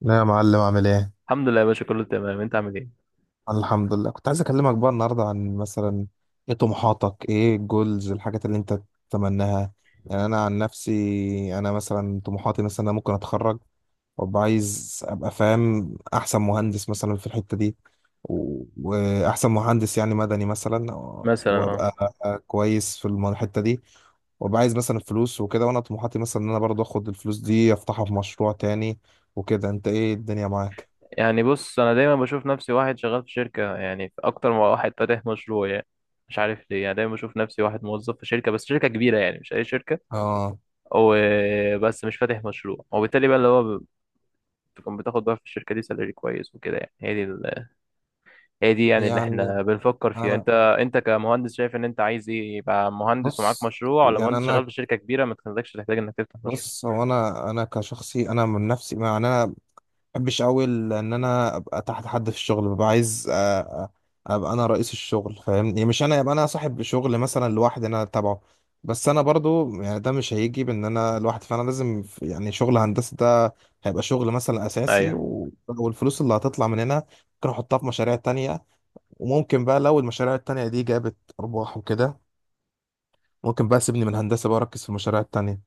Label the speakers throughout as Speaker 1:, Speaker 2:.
Speaker 1: لا يا معلم عامل ايه؟
Speaker 2: الحمد لله يا باشا، كله تمام. انت عامل ايه؟
Speaker 1: الحمد لله، كنت عايز اكلمك بقى النهارده عن مثلا ايه طموحاتك، ايه الجولز، الحاجات اللي انت تتمناها. يعني انا عن نفسي انا مثلا طموحاتي، مثلا انا ممكن اتخرج وابقى عايز ابقى فاهم احسن مهندس مثلا في الحتة دي، واحسن مهندس يعني مدني مثلا.
Speaker 2: مثلا اه.
Speaker 1: وابقى كويس في الحتة دي، وابقى عايز مثلا فلوس وكده. وانا طموحاتي مثلا ان انا برضه اخد الفلوس دي افتحها في مشروع تاني وكده. انت ايه الدنيا معاك؟
Speaker 2: يعني بص، انا دايما بشوف نفسي واحد شغال في شركه، يعني في اكتر من واحد فاتح مشروع يعني. مش عارف ليه، يعني دايما بشوف نفسي واحد موظف في شركه، بس شركه كبيره يعني، مش اي شركه.
Speaker 1: اه،
Speaker 2: وبس مش فاتح مشروع، وبالتالي بقى اللي هو تكون بتاخد بقى في الشركة دي سالري كويس وكده يعني. هي دي يعني اللي
Speaker 1: يعني
Speaker 2: احنا بنفكر فيها. انت
Speaker 1: انا
Speaker 2: انت كمهندس شايف ان انت عايز ايه؟ يبقى مهندس ومعاك
Speaker 1: بص،
Speaker 2: مشروع، ولا
Speaker 1: يعني
Speaker 2: مهندس شغال
Speaker 1: انا
Speaker 2: في شركة كبيرة ما تخليكش تحتاج انك تفتح مشروع؟
Speaker 1: بص، هو انا كشخصي، انا من نفسي ما يعني انا ما بحبش قوي ان انا ابقى تحت حد في الشغل. ببقى عايز أ- ابقى انا رئيس الشغل فاهمني، مش انا ابقى انا صاحب شغل مثلا لوحدي انا تبعه. بس انا برضو يعني ده مش هيجي بان انا لوحدي، فانا لازم يعني شغل هندسه ده هيبقى شغل مثلا اساسي،
Speaker 2: ايوه
Speaker 1: والفلوس اللي هتطلع من هنا ممكن احطها في مشاريع تانية. وممكن بقى لو المشاريع التانية دي جابت ارباح وكده، ممكن بقى سيبني من الهندسة بقى، أركز في المشاريع التانية.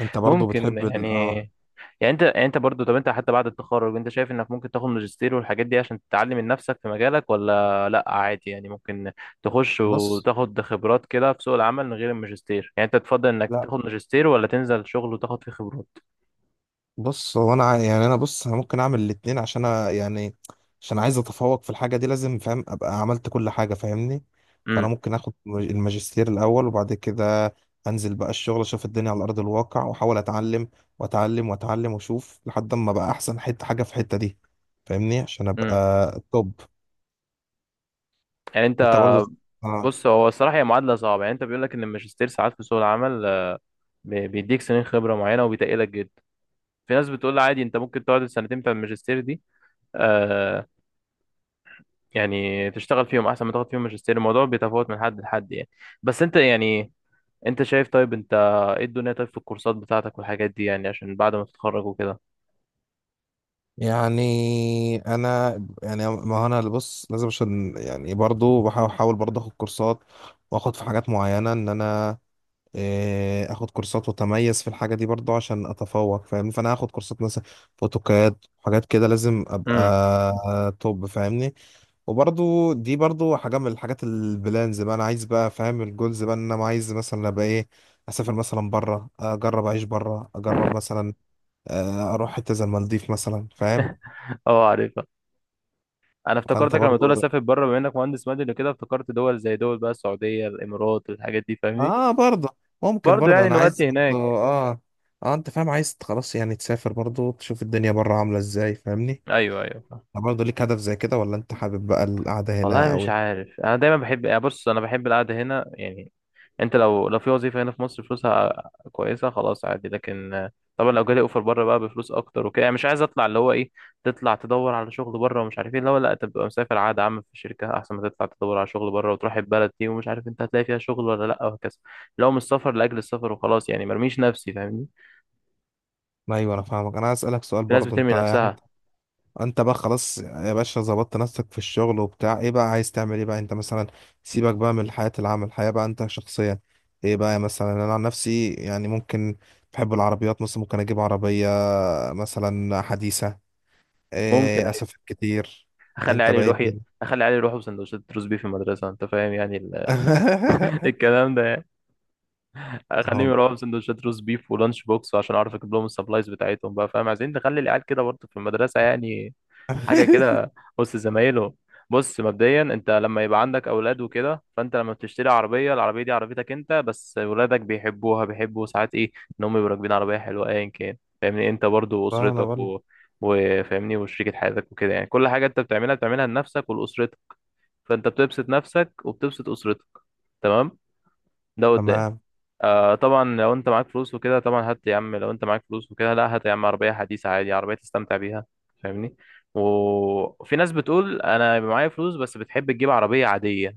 Speaker 1: أنت برضو
Speaker 2: ممكن
Speaker 1: بتحب ال
Speaker 2: يعني.
Speaker 1: آه
Speaker 2: يعني انت برضو، طب انت حتى بعد التخرج انت شايف انك ممكن تاخد ماجستير والحاجات دي عشان تتعلم من نفسك في مجالك ولا لا؟ عادي يعني، ممكن تخش
Speaker 1: بص،
Speaker 2: وتاخد خبرات كده في سوق العمل من غير الماجستير. يعني انت تفضل انك
Speaker 1: لا
Speaker 2: تاخد ماجستير ولا تنزل شغل وتاخد فيه خبرات؟
Speaker 1: بص، هو أنا يعني أنا بص، أنا ممكن أعمل الاتنين عشان أنا يعني عشان عايز أتفوق في الحاجة دي، لازم فاهم أبقى عملت كل حاجة فاهمني. فأنا
Speaker 2: امم
Speaker 1: ممكن آخد الماجستير الأول، وبعد كده أنزل بقى الشغل، أشوف الدنيا على أرض الواقع وأحاول أتعلم وأتعلم وأتعلم، وأشوف لحد ما بقى أحسن حتة حاجة في الحتة دي فاهمني، عشان
Speaker 2: امم
Speaker 1: أبقى توب.
Speaker 2: يعني انت،
Speaker 1: أنت برضو آه
Speaker 2: بص. هو الصراحه هي معادله صعبه، يعني انت بيقول لك ان الماجستير ساعات في سوق العمل بيديك سنين خبره معينه وبيتقلك جدا. في ناس بتقول عادي، انت ممكن تقعد السنتين بتاع الماجستير دي آه يعني تشتغل فيهم احسن ما تاخد فيهم ماجستير. الموضوع بيتفاوت من حد لحد يعني. بس انت يعني، انت شايف طيب؟ انت ايه الدنيا؟ طيب في الكورسات بتاعتك والحاجات دي، يعني عشان بعد ما تتخرج وكده.
Speaker 1: يعني انا، يعني ما هو انا اللي بص، لازم عشان يعني برضو بحاول، برضو اخد كورسات واخد في حاجات معينه ان انا اخد كورسات واتميز في الحاجه دي برضو عشان اتفوق فاهمني. فانا هاخد كورسات مثلا فوتوكاد، حاجات كده لازم ابقى
Speaker 2: امم
Speaker 1: توب فاهمني. وبرضو دي برضو حاجه من الحاجات البلانز بقى، انا عايز بقى فاهم الجولز بقى، ان انا عايز مثلا ابقى ايه، اسافر مثلا بره، اجرب اعيش بره، اجرب مثلا اروح حته زي المالديف مثلا فاهم.
Speaker 2: اه، عارفها. انا
Speaker 1: فانت
Speaker 2: افتكرتك لما تقول
Speaker 1: برضو
Speaker 2: اسافر بره، بما انك مهندس مدني وكده افتكرت دول زي دول بقى، السعوديه، الامارات، الحاجات دي فاهمني.
Speaker 1: اه، برضو ممكن
Speaker 2: برضه
Speaker 1: برضو
Speaker 2: يعني
Speaker 1: انا عايز
Speaker 2: نودي
Speaker 1: برضو
Speaker 2: هناك.
Speaker 1: اه اه انت فاهم، عايز خلاص يعني تسافر برضو تشوف الدنيا بره عاملة ازاي فاهمني.
Speaker 2: ايوه، ايوه.
Speaker 1: أنت برضو ليك هدف زي كده، ولا انت حابب بقى القعدة
Speaker 2: والله
Speaker 1: هنا
Speaker 2: مش
Speaker 1: قوي؟
Speaker 2: عارف، انا دايما بحب يعني، بص، انا بحب القعده هنا يعني. انت لو في وظيفه هنا في مصر فلوسها كويسه، خلاص عادي. لكن طبعا لو جالي اوفر بره بقى بفلوس اكتر وكده يعني، مش عايز اطلع اللي هو ايه، تطلع تدور على شغل بره ومش عارف ايه. لا لا، تبقى مسافر عقد عام في شركه احسن ما تطلع تدور على شغل بره وتروح البلد دي ومش عارف انت هتلاقي فيها شغل ولا لا، وهكذا. لو مش السفر لاجل السفر وخلاص يعني، مرميش نفسي فاهمني.
Speaker 1: ايوه انا فاهمك، انا عايز اسالك سؤال
Speaker 2: في ناس
Speaker 1: برضو. انت
Speaker 2: بترمي
Speaker 1: يعني انت
Speaker 2: نفسها.
Speaker 1: أنت بقى خلاص يا باشا ظبطت نفسك في الشغل وبتاع، ايه بقى عايز تعمل ايه بقى انت مثلا؟ سيبك بقى من حياة العمل، حياة بقى انت شخصيا ايه بقى؟ مثلا انا عن نفسي يعني ممكن بحب العربيات، مثلا ممكن اجيب عربية مثلا حديثة.
Speaker 2: ممكن،
Speaker 1: إيه،
Speaker 2: أيوة.
Speaker 1: أسف كتير.
Speaker 2: اخلي
Speaker 1: أنت
Speaker 2: علي
Speaker 1: بقيت
Speaker 2: يروح.
Speaker 1: دل.
Speaker 2: بسندوتشات روز بيف في المدرسه انت فاهم يعني الكلام ده. اخليهم
Speaker 1: أهو
Speaker 2: يروحوا بسندوتشات روز بيف ولانش بوكس عشان اعرف اجيب لهم السبلايز بتاعتهم بقى فاهم، عايزين نخلي العيال كده برضه في المدرسه يعني، حاجه كده وسط زمايلهم. بص، مبدئيا انت لما يبقى عندك اولاد وكده، فانت لما بتشتري عربيه، العربيه دي عربيتك انت، بس ولادك بيحبوها، بيحبوا ساعات ايه، ان هم يبقوا راكبين عربيه حلوه ايا كان. فاهمني، انت برضه
Speaker 1: أنا
Speaker 2: واسرتك
Speaker 1: بقول.
Speaker 2: و... وفاهمني، وشريكة حياتك وكده، يعني كل حاجه انت بتعملها، بتعملها لنفسك ولاسرتك. فانت بتبسط نفسك وبتبسط اسرتك. تمام، ده قدام.
Speaker 1: تمام.
Speaker 2: آه طبعا لو انت معاك فلوس وكده، طبعا هات يا عم. لو انت معاك فلوس وكده، لا هات يا عم عربية حديثة عادي، عربية تستمتع بيها فاهمني. وفي ناس بتقول انا بيبقى معايا فلوس بس بتحب تجيب عربية عادية.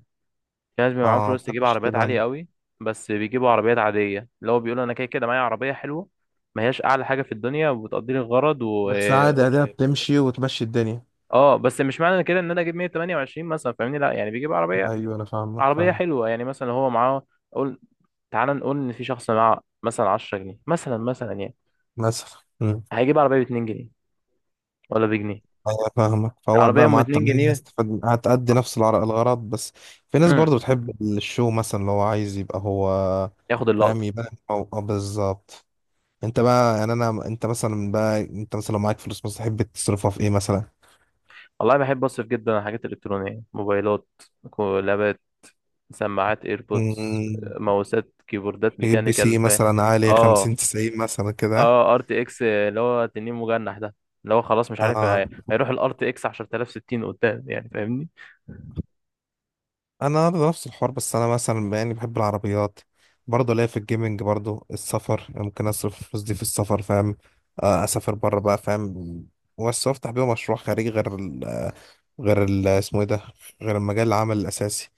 Speaker 2: في ناس بيبقى
Speaker 1: أه،
Speaker 2: معاهم
Speaker 1: ما
Speaker 2: فلوس تجيب
Speaker 1: بحبش
Speaker 2: عربيات عالية
Speaker 1: تبان.
Speaker 2: قوي، بس بيجيبوا عربيات عادية، اللي هو بيقولوا انا كده كده معايا عربية حلوة، ما هياش اعلى حاجة في الدنيا وبتقضي لي الغرض و...
Speaker 1: بس عادي، أداة
Speaker 2: اوبشن.
Speaker 1: بتمشي وتمشي الدنيا.
Speaker 2: اه بس مش معنى كده ان انا اجيب 128 مثلا فاهمني، لا يعني بيجيب عربية
Speaker 1: أيوه أنا فاهمك،
Speaker 2: عربية
Speaker 1: فاهم.
Speaker 2: حلوة يعني، مثلا هو معاه. تعال نقول ان في شخص معاه مثلا 10 جنيه، مثلا يعني
Speaker 1: للأسف.
Speaker 2: هيجيب عربيه ب 2 جنيه ولا بجنيه،
Speaker 1: أيوه فاهمك، فهو
Speaker 2: العربيه
Speaker 1: بقى
Speaker 2: ام
Speaker 1: مع
Speaker 2: 2
Speaker 1: التمانية
Speaker 2: جنيه
Speaker 1: استفاد، هتأدي
Speaker 2: آه.
Speaker 1: نفس الغرض بس. في ناس
Speaker 2: امم
Speaker 1: برضو بتحب الشو، مثلا اللي هو عايز يبقى هو
Speaker 2: ياخد
Speaker 1: فاهم،
Speaker 2: اللقطه.
Speaker 1: يبان أو بالظبط. أنت بقى يعني، أنا أنت مثلا بقى، أنت مثلا لو معاك فلوس مثلا تحب تصرفها في إيه مثلا؟
Speaker 2: والله بحب اصرف جدا على الحاجات الالكترونيه، موبايلات، كولابات، سماعات ايربودز،
Speaker 1: مم.
Speaker 2: ماوسات، كيبوردات
Speaker 1: تجيب بي
Speaker 2: ميكانيكال،
Speaker 1: سي
Speaker 2: ف
Speaker 1: مثلا عالي،
Speaker 2: اه،
Speaker 1: 50 90 مثلا كده؟
Speaker 2: اه، ار تي اكس اللي هو تنين مجنح ده، اللي هو خلاص مش عارف
Speaker 1: اه،
Speaker 2: هيروح الار تي اكس 10060 قدام يعني فاهمني.
Speaker 1: انا برضه نفس الحوار، بس انا مثلا يعني بحب العربيات برضه، ليا في الجيمنج، برضه السفر ممكن اصرف الفلوس دي في السفر فاهم. آه، اسافر بره بقى فاهم. بس افتح بيه مشروع خارجي غير ال، غير ال اسمه ايه ده، غير المجال العمل الاساسي،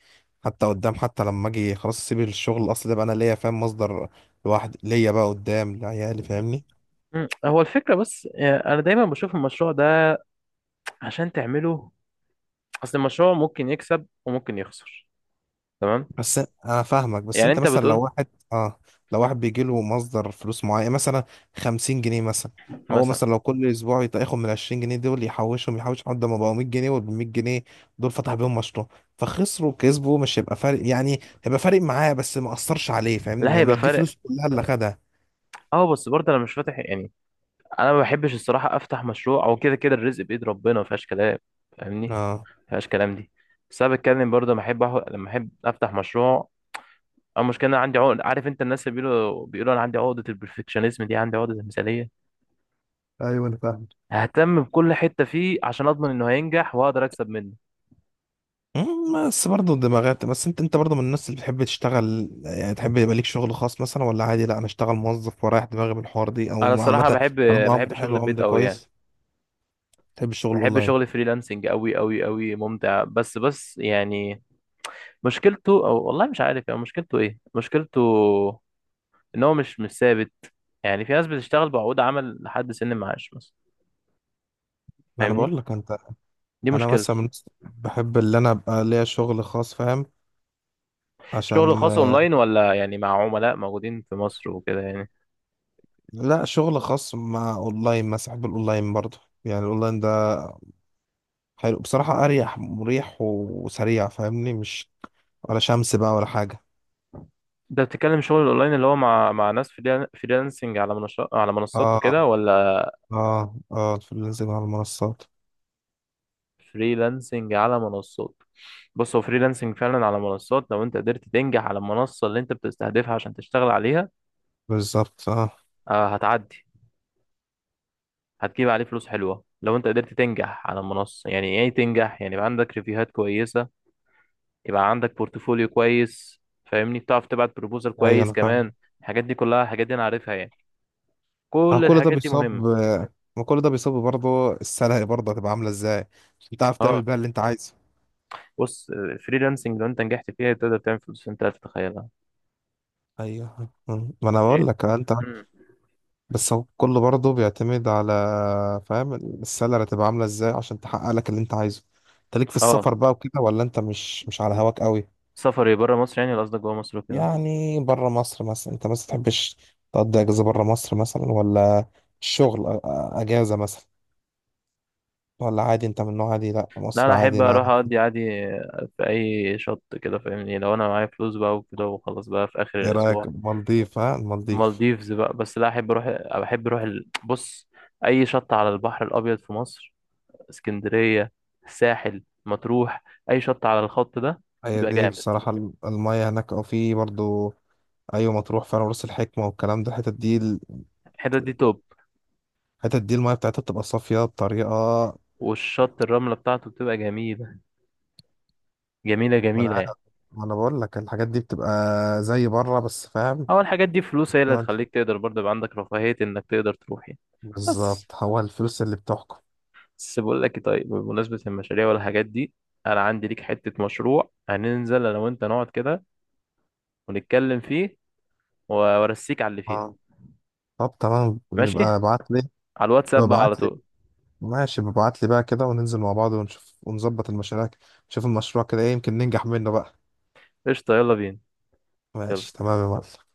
Speaker 1: حتى قدام. حتى لما اجي خلاص اسيب الشغل الاصلي ده بقى انا ليا فاهم مصدر لوحدي، ليا بقى قدام لعيالي فاهمني.
Speaker 2: مم. هو الفكرة بس أنا دايما بشوف المشروع ده عشان تعمله، اصل المشروع ممكن يكسب وممكن يخسر، تمام.
Speaker 1: بس انا فاهمك. بس
Speaker 2: يعني
Speaker 1: انت
Speaker 2: انت
Speaker 1: مثلا لو
Speaker 2: بتقول
Speaker 1: واحد، اه لو واحد بيجي له مصدر فلوس معين مثلا 50 جنيه مثلا، هو
Speaker 2: مثلا.
Speaker 1: مثلا لو كل اسبوع ياخد من 20 جنيه دول يحوشهم، يحوش لحد ما بقوا 100 جنيه، وال 100 جنيه دول فتح بيهم مشروع، فخسروا كسبوا مش هيبقى فارق، يعني هيبقى فارق معاه بس ما اثرش عليه
Speaker 2: لا،
Speaker 1: فاهمني، يعني
Speaker 2: هيبقى
Speaker 1: مش دي
Speaker 2: فارق.
Speaker 1: فلوس كلها اللي خدها.
Speaker 2: اه بس برضه انا مش فاتح يعني، انا ما بحبش الصراحه افتح مشروع، او كده كده الرزق بايد ربنا، ما فيهاش كلام فاهمني.
Speaker 1: اه،
Speaker 2: ما فيهاش كلام دي. بس انا بتكلم برضه لما احب لما احب افتح مشروع، او مشكله انا عندي عقد، عارف انت الناس اللي بيقولوا، انا عندي عقده البرفكشنزم دي، عندي عقده المثاليه.
Speaker 1: ايوه انا فاهم.
Speaker 2: ههتم بكل حته فيه عشان اضمن انه هينجح واقدر اكسب منه.
Speaker 1: مم، بس برضه دماغات. بس انت برضه من الناس اللي بتحب تشتغل، يعني تحب يبقى ليك شغل خاص مثلا، ولا عادي، لا انا اشتغل موظف ورايح دماغي من الحوار دي،
Speaker 2: انا
Speaker 1: او عامه
Speaker 2: الصراحه بحب
Speaker 1: طالما
Speaker 2: بحب
Speaker 1: قبض
Speaker 2: شغل
Speaker 1: حلو
Speaker 2: البيت
Speaker 1: قبض
Speaker 2: قوي يعني.
Speaker 1: كويس؟ تحب الشغل
Speaker 2: بحب
Speaker 1: اونلاين؟
Speaker 2: شغل فريلانسنج قوي قوي قوي ممتع، بس بس يعني، مشكلته، او والله مش عارف يعني مشكلته ايه. مشكلته ان هو مش ثابت. يعني في ناس بتشتغل بعقود عمل لحد سن المعاش مثلا
Speaker 1: ما انا
Speaker 2: فاهمني،
Speaker 1: بقول لك، انت
Speaker 2: دي
Speaker 1: انا
Speaker 2: مشكلته.
Speaker 1: مثلا من الناس بحب اللي انا ابقى ليا شغل خاص فاهم،
Speaker 2: شغل
Speaker 1: عشان
Speaker 2: خاص
Speaker 1: آه،
Speaker 2: اونلاين ولا يعني مع عملاء موجودين في مصر وكده يعني؟
Speaker 1: لا شغل خاص مع اونلاين مثلا، بحب الاونلاين برضه. يعني الاونلاين ده حلو بصراحه، اريح، مريح وسريع فاهمني، مش ولا شمس بقى ولا حاجه.
Speaker 2: ده بتتكلم شغل اونلاين اللي هو مع ناس، فريلانسنج على منصات وكده،
Speaker 1: اه
Speaker 2: ولا
Speaker 1: اه اه، الفريلانسنج على المنصات.
Speaker 2: فريلانسنج على منصات؟ بص، هو فريلانسنج فعلا على منصات. لو انت قدرت تنجح على المنصة اللي انت بتستهدفها عشان تشتغل عليها
Speaker 1: بالظبط اه.
Speaker 2: هتعدي. هتجيب عليه فلوس حلوة لو انت قدرت تنجح على المنصة. يعني ايه تنجح؟ يعني يبقى عندك ريفيوهات كويسة، يبقى عندك بورتفوليو كويس فاهمني، بتعرف تبعت بروبوزال
Speaker 1: ايوه
Speaker 2: كويس
Speaker 1: انا فاهم.
Speaker 2: كمان، الحاجات دي كلها. الحاجات دي انا عارفها يعني،
Speaker 1: اه،
Speaker 2: كل
Speaker 1: كل ده
Speaker 2: الحاجات دي
Speaker 1: بيصاب،
Speaker 2: مهمة.
Speaker 1: ما كل ده بيصاب برضه، السلع برضه هتبقى عامله ازاي عشان تعرف تعمل
Speaker 2: اه،
Speaker 1: بقى اللي انت عايزه.
Speaker 2: بص، فريلانسنج لو انت نجحت فيها تقدر تعمل فلوس انت لا تتخيلها.
Speaker 1: ايوه، ما انا بقول لك انت.
Speaker 2: مم.
Speaker 1: بس هو كله برضه بيعتمد على، فاهم السلع هتبقى عامله ازاي عشان تحقق لك اللي انت عايزه. انت ليك في
Speaker 2: اه،
Speaker 1: السفر بقى وكده، ولا انت مش على هواك قوي؟
Speaker 2: سفري بره مصر يعني، ولا قصدك جوه مصر وكده؟
Speaker 1: يعني بره مصر مثلا، انت مثلا تحبش تقضي اجازه بره مصر مثلا، ولا الشغل اجازه مثلا، ولا عادي؟ انت من نوع عادي، لا
Speaker 2: لا،
Speaker 1: مصر
Speaker 2: انا
Speaker 1: عادي
Speaker 2: احب
Speaker 1: انا.
Speaker 2: اروح اقضي عادي في اي شط كده فاهمني، لو انا معايا فلوس بقى وكده، وخلاص بقى في اخر
Speaker 1: ايه رأيك
Speaker 2: الاسبوع.
Speaker 1: المالديف؟ ها، المالديف.
Speaker 2: مالديفز بقى، بس لا احب اروح. بحب اروح بص، اي شط على البحر الابيض في مصر، اسكندريه، الساحل، مطروح، اي شط على الخط ده
Speaker 1: هي
Speaker 2: بيبقى
Speaker 1: دي
Speaker 2: جامد.
Speaker 1: بصراحة المية هناك او في برضو. ايوه مطروح، فعلا راس الحكمة والكلام ده، الحتت دي
Speaker 2: الحتت دي توب.
Speaker 1: الحتت دي المية بتاعتها بتبقى صافية بطريقة.
Speaker 2: والشط، الرمله بتاعته بتبقى جميله، جميله
Speaker 1: ما انا
Speaker 2: جميله
Speaker 1: عا-
Speaker 2: يعني.
Speaker 1: ما انا بقول لك الحاجات دي بتبقى زي بره بس فاهم.
Speaker 2: اول الحاجات دي فلوس، هي اللي هتخليك تقدر برضه يبقى عندك رفاهيه انك تقدر تروح يعني. بس
Speaker 1: بالظبط، هو الفلوس اللي بتحكم.
Speaker 2: بس بقول لك طيب، بمناسبة المشاريع والحاجات دي، أنا عندي ليك حتة مشروع هننزل أنا وأنت نقعد كده ونتكلم فيه، وأرسيك على اللي فيه.
Speaker 1: اه طب تمام،
Speaker 2: ماشي،
Speaker 1: نبقى ابعت لي.
Speaker 2: على الواتساب بقى على
Speaker 1: ابعت لي،
Speaker 2: طول.
Speaker 1: ماشي، ببعت لي بقى كده، وننزل مع بعض ونشوف، ونظبط المشاريع، نشوف المشروع كده ايه، يمكن ننجح منه بقى.
Speaker 2: قشطة، يلا بينا.
Speaker 1: ماشي
Speaker 2: يلا.
Speaker 1: تمام يا معلم.